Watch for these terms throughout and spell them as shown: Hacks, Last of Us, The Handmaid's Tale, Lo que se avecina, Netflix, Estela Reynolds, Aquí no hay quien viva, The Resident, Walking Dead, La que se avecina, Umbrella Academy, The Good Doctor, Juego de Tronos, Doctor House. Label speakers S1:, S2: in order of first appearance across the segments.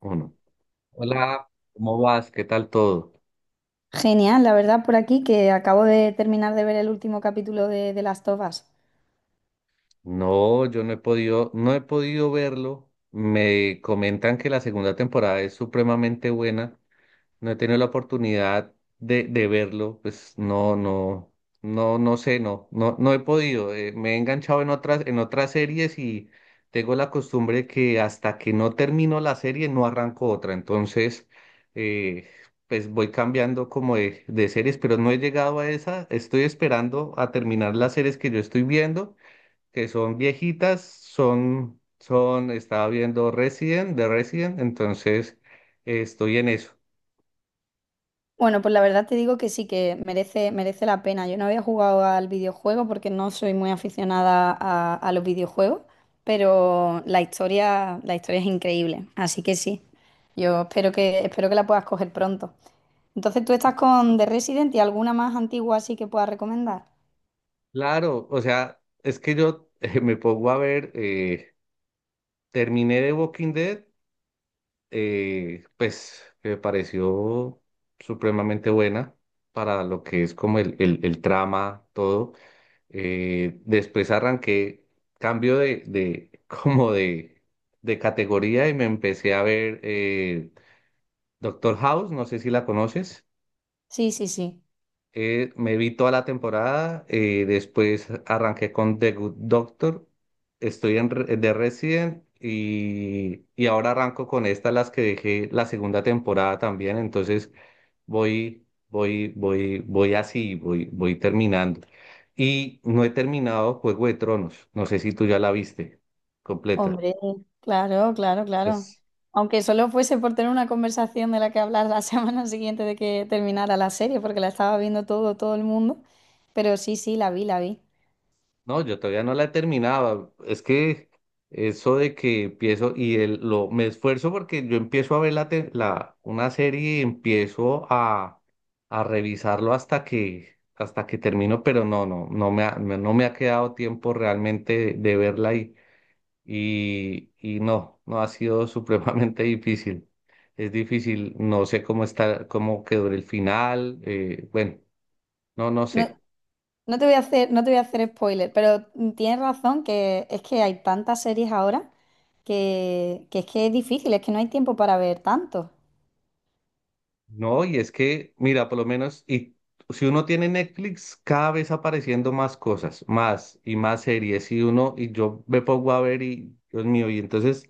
S1: Uno. Hola, ¿cómo vas? ¿Qué tal todo?
S2: Genial, la verdad, por aquí que acabo de terminar de ver el último capítulo de Last of Us.
S1: No, yo no he podido, no he podido verlo. Me comentan que la segunda temporada es supremamente buena. No he tenido la oportunidad de verlo, pues no, no, no, no sé, no, no, no he podido. Me he enganchado en otras series y tengo la costumbre que hasta que no termino la serie no arranco otra. Entonces, eh, pues voy cambiando como de series, pero no he llegado a esa. Estoy esperando a terminar las series que yo estoy viendo, que son viejitas, son, son, estaba viendo Resident, de Resident, entonces estoy en eso.
S2: Bueno, pues la verdad te digo que sí que merece la pena. Yo no había jugado al videojuego porque no soy muy aficionada a los videojuegos, pero la historia es increíble. Así que sí, yo espero espero que la puedas coger pronto. Entonces, ¿tú estás con The Resident y alguna más antigua así que puedas recomendar?
S1: Claro, o sea, es que yo me pongo a ver, terminé de Walking Dead, pues que me pareció supremamente buena para lo que es como el trama, todo. Después arranqué cambio de como de categoría y me empecé a ver Doctor House, no sé si la conoces.
S2: Sí, sí, sí.
S1: Me vi toda la temporada, después arranqué con The Good Doctor, estoy en The Resident y ahora arranco con esta, las que dejé la segunda temporada también, entonces voy así, voy terminando. Y no he terminado Juego de Tronos, no sé si tú ya la viste completa.
S2: Hombre, claro, claro, claro.
S1: Entonces,
S2: Aunque solo fuese por tener una conversación de la que hablar la semana siguiente de que terminara la serie, porque la estaba viendo todo, todo el mundo. Pero sí, sí, la vi.
S1: no, yo todavía no la he terminado. Es que eso de que empiezo y me esfuerzo porque yo empiezo a ver una serie y empiezo a revisarlo hasta que termino, pero no, no, no me ha, no me ha quedado tiempo realmente de verla y no, no ha sido supremamente difícil. Es difícil, no sé cómo está, cómo quedó el final, bueno, no, no
S2: No,
S1: sé.
S2: no te voy a hacer, no te voy a hacer spoiler, pero tienes razón que es que hay tantas series ahora que es difícil, es que no hay tiempo para ver tanto.
S1: No, y es que, mira, por lo menos, y si uno tiene Netflix, cada vez apareciendo más cosas, más y más series, y uno, y yo me pongo a ver y, Dios mío, y entonces,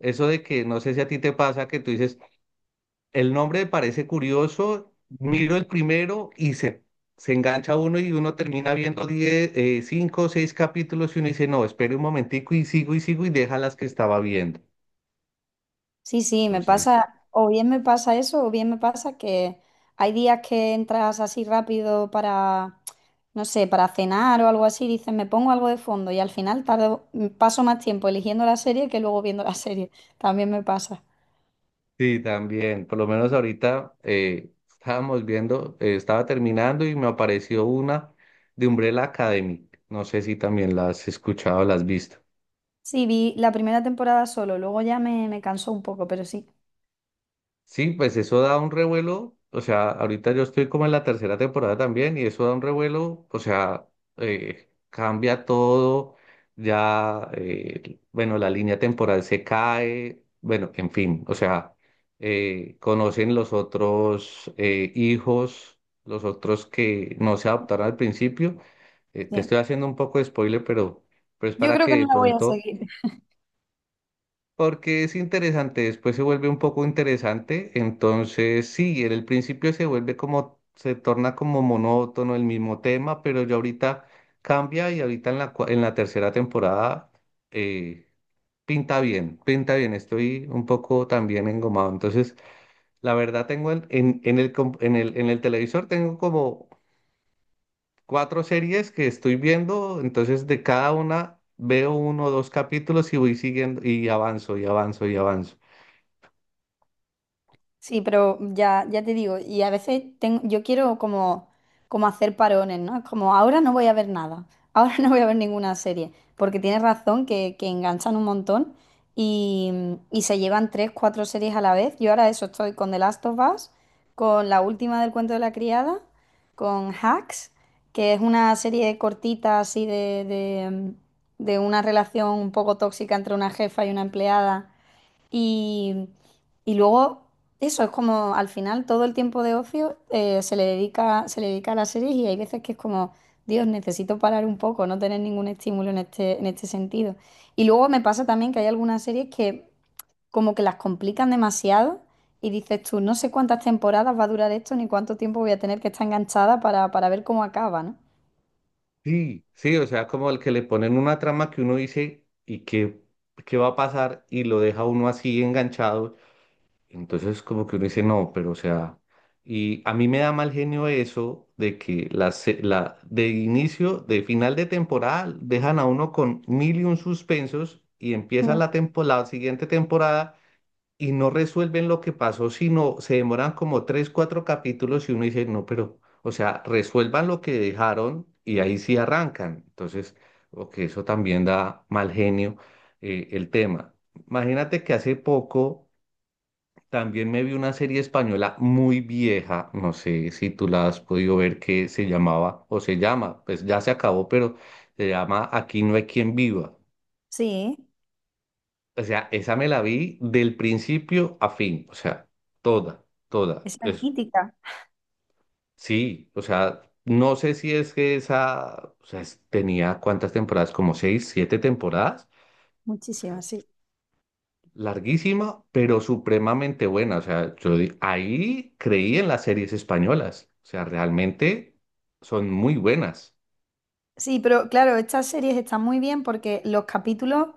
S1: eso de que, no sé si a ti te pasa, que tú dices, el nombre me parece curioso, miro el primero y se engancha uno y uno termina viendo 10 cinco o seis capítulos y uno dice, no, espere un momentico y sigo y sigo y deja las que estaba viendo.
S2: Sí, sí, me
S1: Entonces,
S2: pasa, o bien me pasa eso, o bien me pasa que hay días que entras así rápido para, no sé, para cenar o algo así, dices, me pongo algo de fondo y al final tardo, paso más tiempo eligiendo la serie que luego viendo la serie. También me pasa.
S1: sí, también. Por lo menos ahorita estábamos viendo, estaba terminando y me apareció una de Umbrella Academy. No sé si también la has escuchado o la has visto.
S2: Sí, vi la primera temporada solo, luego ya me cansó un poco, pero sí,
S1: Sí, pues eso da un revuelo, o sea, ahorita yo estoy como en la tercera temporada también y eso da un revuelo, o sea, cambia todo, ya, bueno, la línea temporal se cae, bueno, en fin, o sea, conocen los otros hijos, los otros que no se adaptaron al principio. Te
S2: sí.
S1: estoy haciendo un poco de spoiler, pero es
S2: Yo
S1: para
S2: creo que
S1: que de
S2: no la voy a
S1: pronto
S2: seguir.
S1: porque es interesante, después se vuelve un poco interesante, entonces sí, en el principio se vuelve como, se torna como monótono el mismo tema, pero ya ahorita cambia y ahorita en la, en la tercera temporada eh, pinta bien, estoy un poco también engomado, entonces la verdad tengo en el, en el, en el televisor tengo como cuatro series que estoy viendo, entonces de cada una veo uno o dos capítulos y voy siguiendo y avanzo y avanzo y avanzo.
S2: Sí, pero ya, ya te digo, y a veces tengo, yo quiero como, como hacer parones, ¿no? Es como ahora no voy a ver nada, ahora no voy a ver ninguna serie, porque tienes razón que enganchan un montón y, y se llevan tres, cuatro series a la vez. Yo ahora eso estoy con The Last of Us, con la última del cuento de la criada, con Hacks, que es una serie cortita así de una relación un poco tóxica entre una jefa y una empleada y, y luego, eso es como al final todo el tiempo de ocio se le dedica a las series y hay veces que es como, Dios, necesito parar un poco, no tener ningún estímulo en este sentido. Y luego me pasa también que hay algunas series que como que las complican demasiado y dices tú, no sé cuántas temporadas va a durar esto ni cuánto tiempo voy a tener que estar enganchada para ver cómo acaba, ¿no?
S1: Sí, sí, o sea, como el que le ponen una trama que uno dice y que qué va a pasar y lo deja uno así enganchado. Entonces como que uno dice, no, pero o sea, y a mí me da mal genio eso de que la, la de inicio, de final de temporada, dejan a uno con mil y un suspensos y empieza
S2: Mm.
S1: la temporada, la siguiente temporada y no resuelven lo que pasó, sino se demoran como tres, cuatro capítulos y uno dice, no, pero, o sea, resuelvan lo que dejaron y ahí sí arrancan. Entonces, o que eso también da mal genio el tema. Imagínate que hace poco también me vi una serie española muy vieja, no sé si tú la has podido ver, que se llamaba, o se llama, pues ya se acabó, pero se llama Aquí no hay quien viva.
S2: Sí,
S1: O sea, esa me la vi del principio a fin, o sea, toda, toda.
S2: esa es
S1: Es,
S2: mítica.
S1: sí, o sea, no sé si es que esa, o sea, tenía cuántas temporadas, como seis, siete temporadas, o sea,
S2: Muchísimas, sí.
S1: larguísima, pero supremamente buena. O sea, yo ahí creí en las series españolas, o sea, realmente son muy buenas.
S2: Sí, pero claro, estas series están muy bien porque los capítulos. O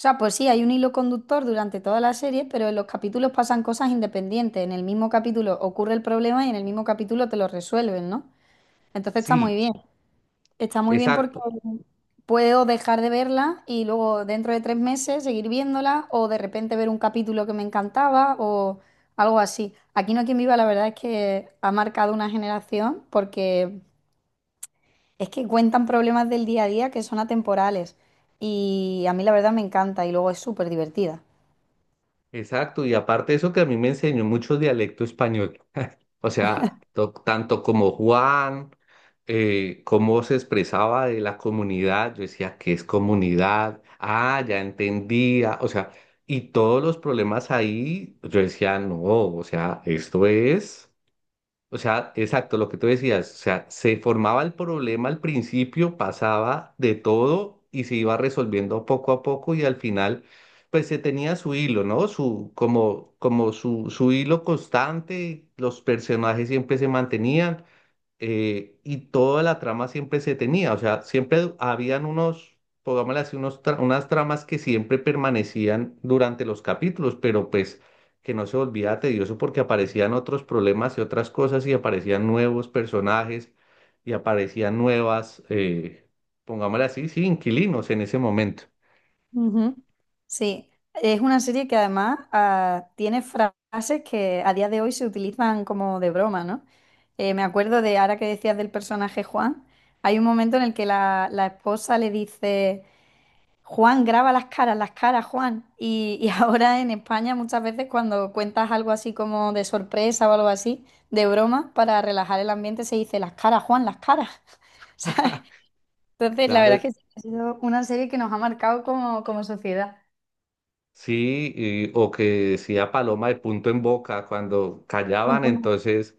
S2: sea, pues sí, hay un hilo conductor durante toda la serie, pero en los capítulos pasan cosas independientes. En el mismo capítulo ocurre el problema y en el mismo capítulo te lo resuelven, ¿no? Entonces está muy
S1: Sí,
S2: bien. Está muy bien porque
S1: exacto.
S2: puedo dejar de verla y luego dentro de tres meses seguir viéndola o de repente ver un capítulo que me encantaba o algo así. Aquí no hay quien viva, la verdad es que ha marcado una generación porque es que cuentan problemas del día a día que son atemporales y a mí la verdad me encanta y luego es súper divertida.
S1: Exacto, y aparte eso que a mí me enseñó mucho dialecto español, o sea, tanto como Juan, cómo se expresaba de la comunidad, yo decía, ¿qué es comunidad? Ah, ya entendía, o sea, y todos los problemas ahí, yo decía, no, o sea, esto es... O sea, exacto, lo que tú decías, o sea, se formaba el problema al principio, pasaba de todo y se iba resolviendo poco a poco y al final, pues se tenía su hilo, ¿no? Su, como, como su hilo constante, los personajes siempre se mantenían y toda la trama siempre se tenía, o sea, siempre habían unos, pongámosle así, unos unas tramas que siempre permanecían durante los capítulos, pero pues que no se volvía tedioso porque aparecían otros problemas y otras cosas y aparecían nuevos personajes y aparecían nuevas, pongámosle así, sí, inquilinos en ese momento.
S2: Ujú. Sí, es una serie que además tiene frases que a día de hoy se utilizan como de broma, ¿no? Me acuerdo de ahora que decías del personaje Juan, hay un momento en el que la esposa le dice, Juan, graba las caras, Juan. Y ahora en España muchas veces cuando cuentas algo así como de sorpresa o algo así, de broma, para relajar el ambiente se dice, las caras, Juan, las caras. ¿Sabes? Entonces, la verdad es
S1: Claro,
S2: que sí, ha sido una serie que nos ha marcado como, como sociedad.
S1: sí, y- o que decía paloma de punto en boca cuando callaban,
S2: Entonces,
S1: entonces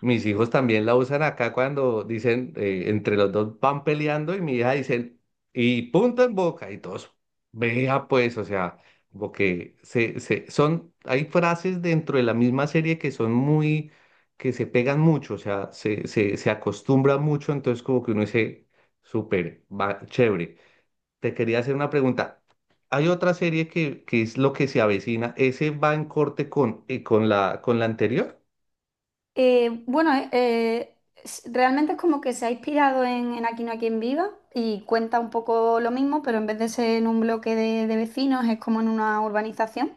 S1: mis hijos también la usan acá cuando dicen, entre los dos van peleando y mi hija dicen, y punto en boca, y todos, vea pues, o sea, como que se, son, hay frases dentro de la misma serie que son muy, que se pegan mucho, o sea, se acostumbra mucho, entonces como que uno dice, súper, va, chévere. Te quería hacer una pregunta. Hay otra serie que es lo que se avecina. ¿Ese va en corte con la anterior?
S2: eh, bueno, eh, eh, realmente es como que se ha inspirado en Aquí no hay quien viva y cuenta un poco lo mismo, pero en vez de ser en un bloque de vecinos, es como en una urbanización.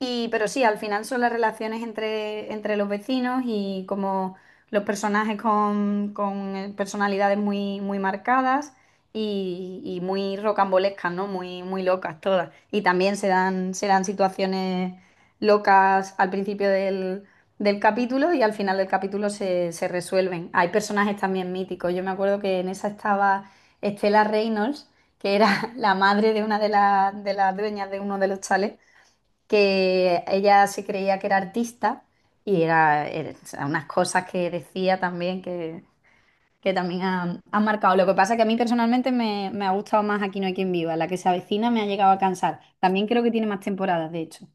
S2: Y, pero sí, al final son las relaciones entre, entre los vecinos y como los personajes con personalidades muy, muy marcadas y muy rocambolescas, ¿no? Muy, muy locas todas. Y también se dan situaciones locas al principio del, del capítulo y al final del capítulo se, se resuelven. Hay personajes también míticos. Yo me acuerdo que en esa estaba Estela Reynolds, que era la madre de una de las dueñas de uno de los chalets que ella se creía que era artista y o sea, unas cosas que decía también que también han, han marcado. Lo que pasa es que a mí personalmente me ha gustado más Aquí no hay quien viva, la que se avecina me ha llegado a cansar. También creo que tiene más temporadas, de hecho.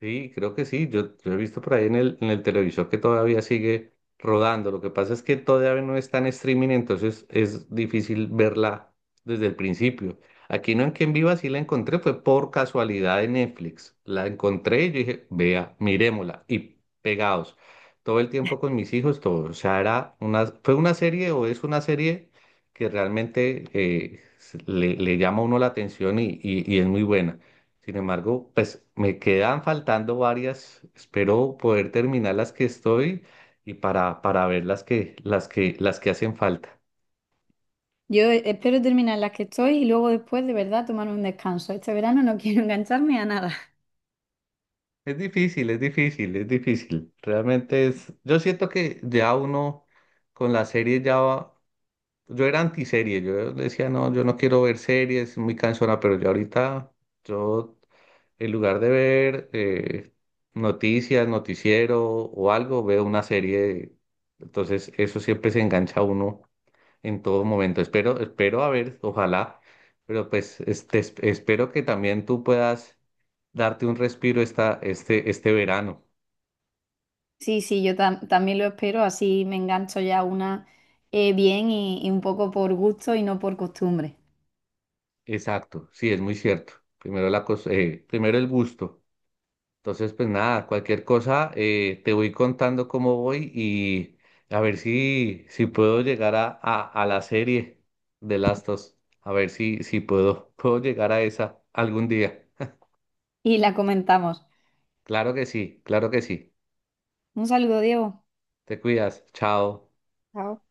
S1: Sí, creo que sí. Yo he visto por ahí en el televisor que todavía sigue rodando. Lo que pasa es que todavía no está en streaming, entonces es difícil verla desde el principio. Aquí no en que en Viva sí la encontré, fue por casualidad en Netflix. La encontré y yo dije, vea, mirémosla. Y pegados. Todo el tiempo con mis hijos, todo. O sea, era una, fue una serie o es una serie que realmente le, le llama a uno la atención y, y es muy buena. Sin embargo, pues me quedan faltando varias. Espero poder terminar las que estoy y para ver las que, las que, las que hacen falta.
S2: Espero terminar las que estoy y luego después de verdad tomar un descanso. Este verano no quiero engancharme a nada.
S1: Es difícil, es difícil, es difícil. Realmente es, yo siento que ya uno con la serie ya va. Yo era antiserie, yo decía, no, yo no quiero ver series, es muy cansona, pero yo ahorita, yo, en lugar de ver noticias, noticiero o algo, veo una serie, entonces eso siempre se engancha a uno en todo momento. Espero, espero a ver, ojalá, pero pues este, espero que también tú puedas darte un respiro esta, este verano.
S2: Sí, sí, también lo espero, así me engancho ya una bien y un poco por gusto y no por costumbre.
S1: Exacto, sí, es muy cierto. Primero la primero el gusto. Entonces, pues nada, cualquier cosa, te voy contando cómo voy y a ver si, si puedo llegar a la serie de Lastos. A ver si, si puedo, puedo llegar a esa algún día.
S2: Y la comentamos.
S1: Claro que sí, claro que sí.
S2: Un saludo, Diego.
S1: Te cuidas. Chao.
S2: Chao.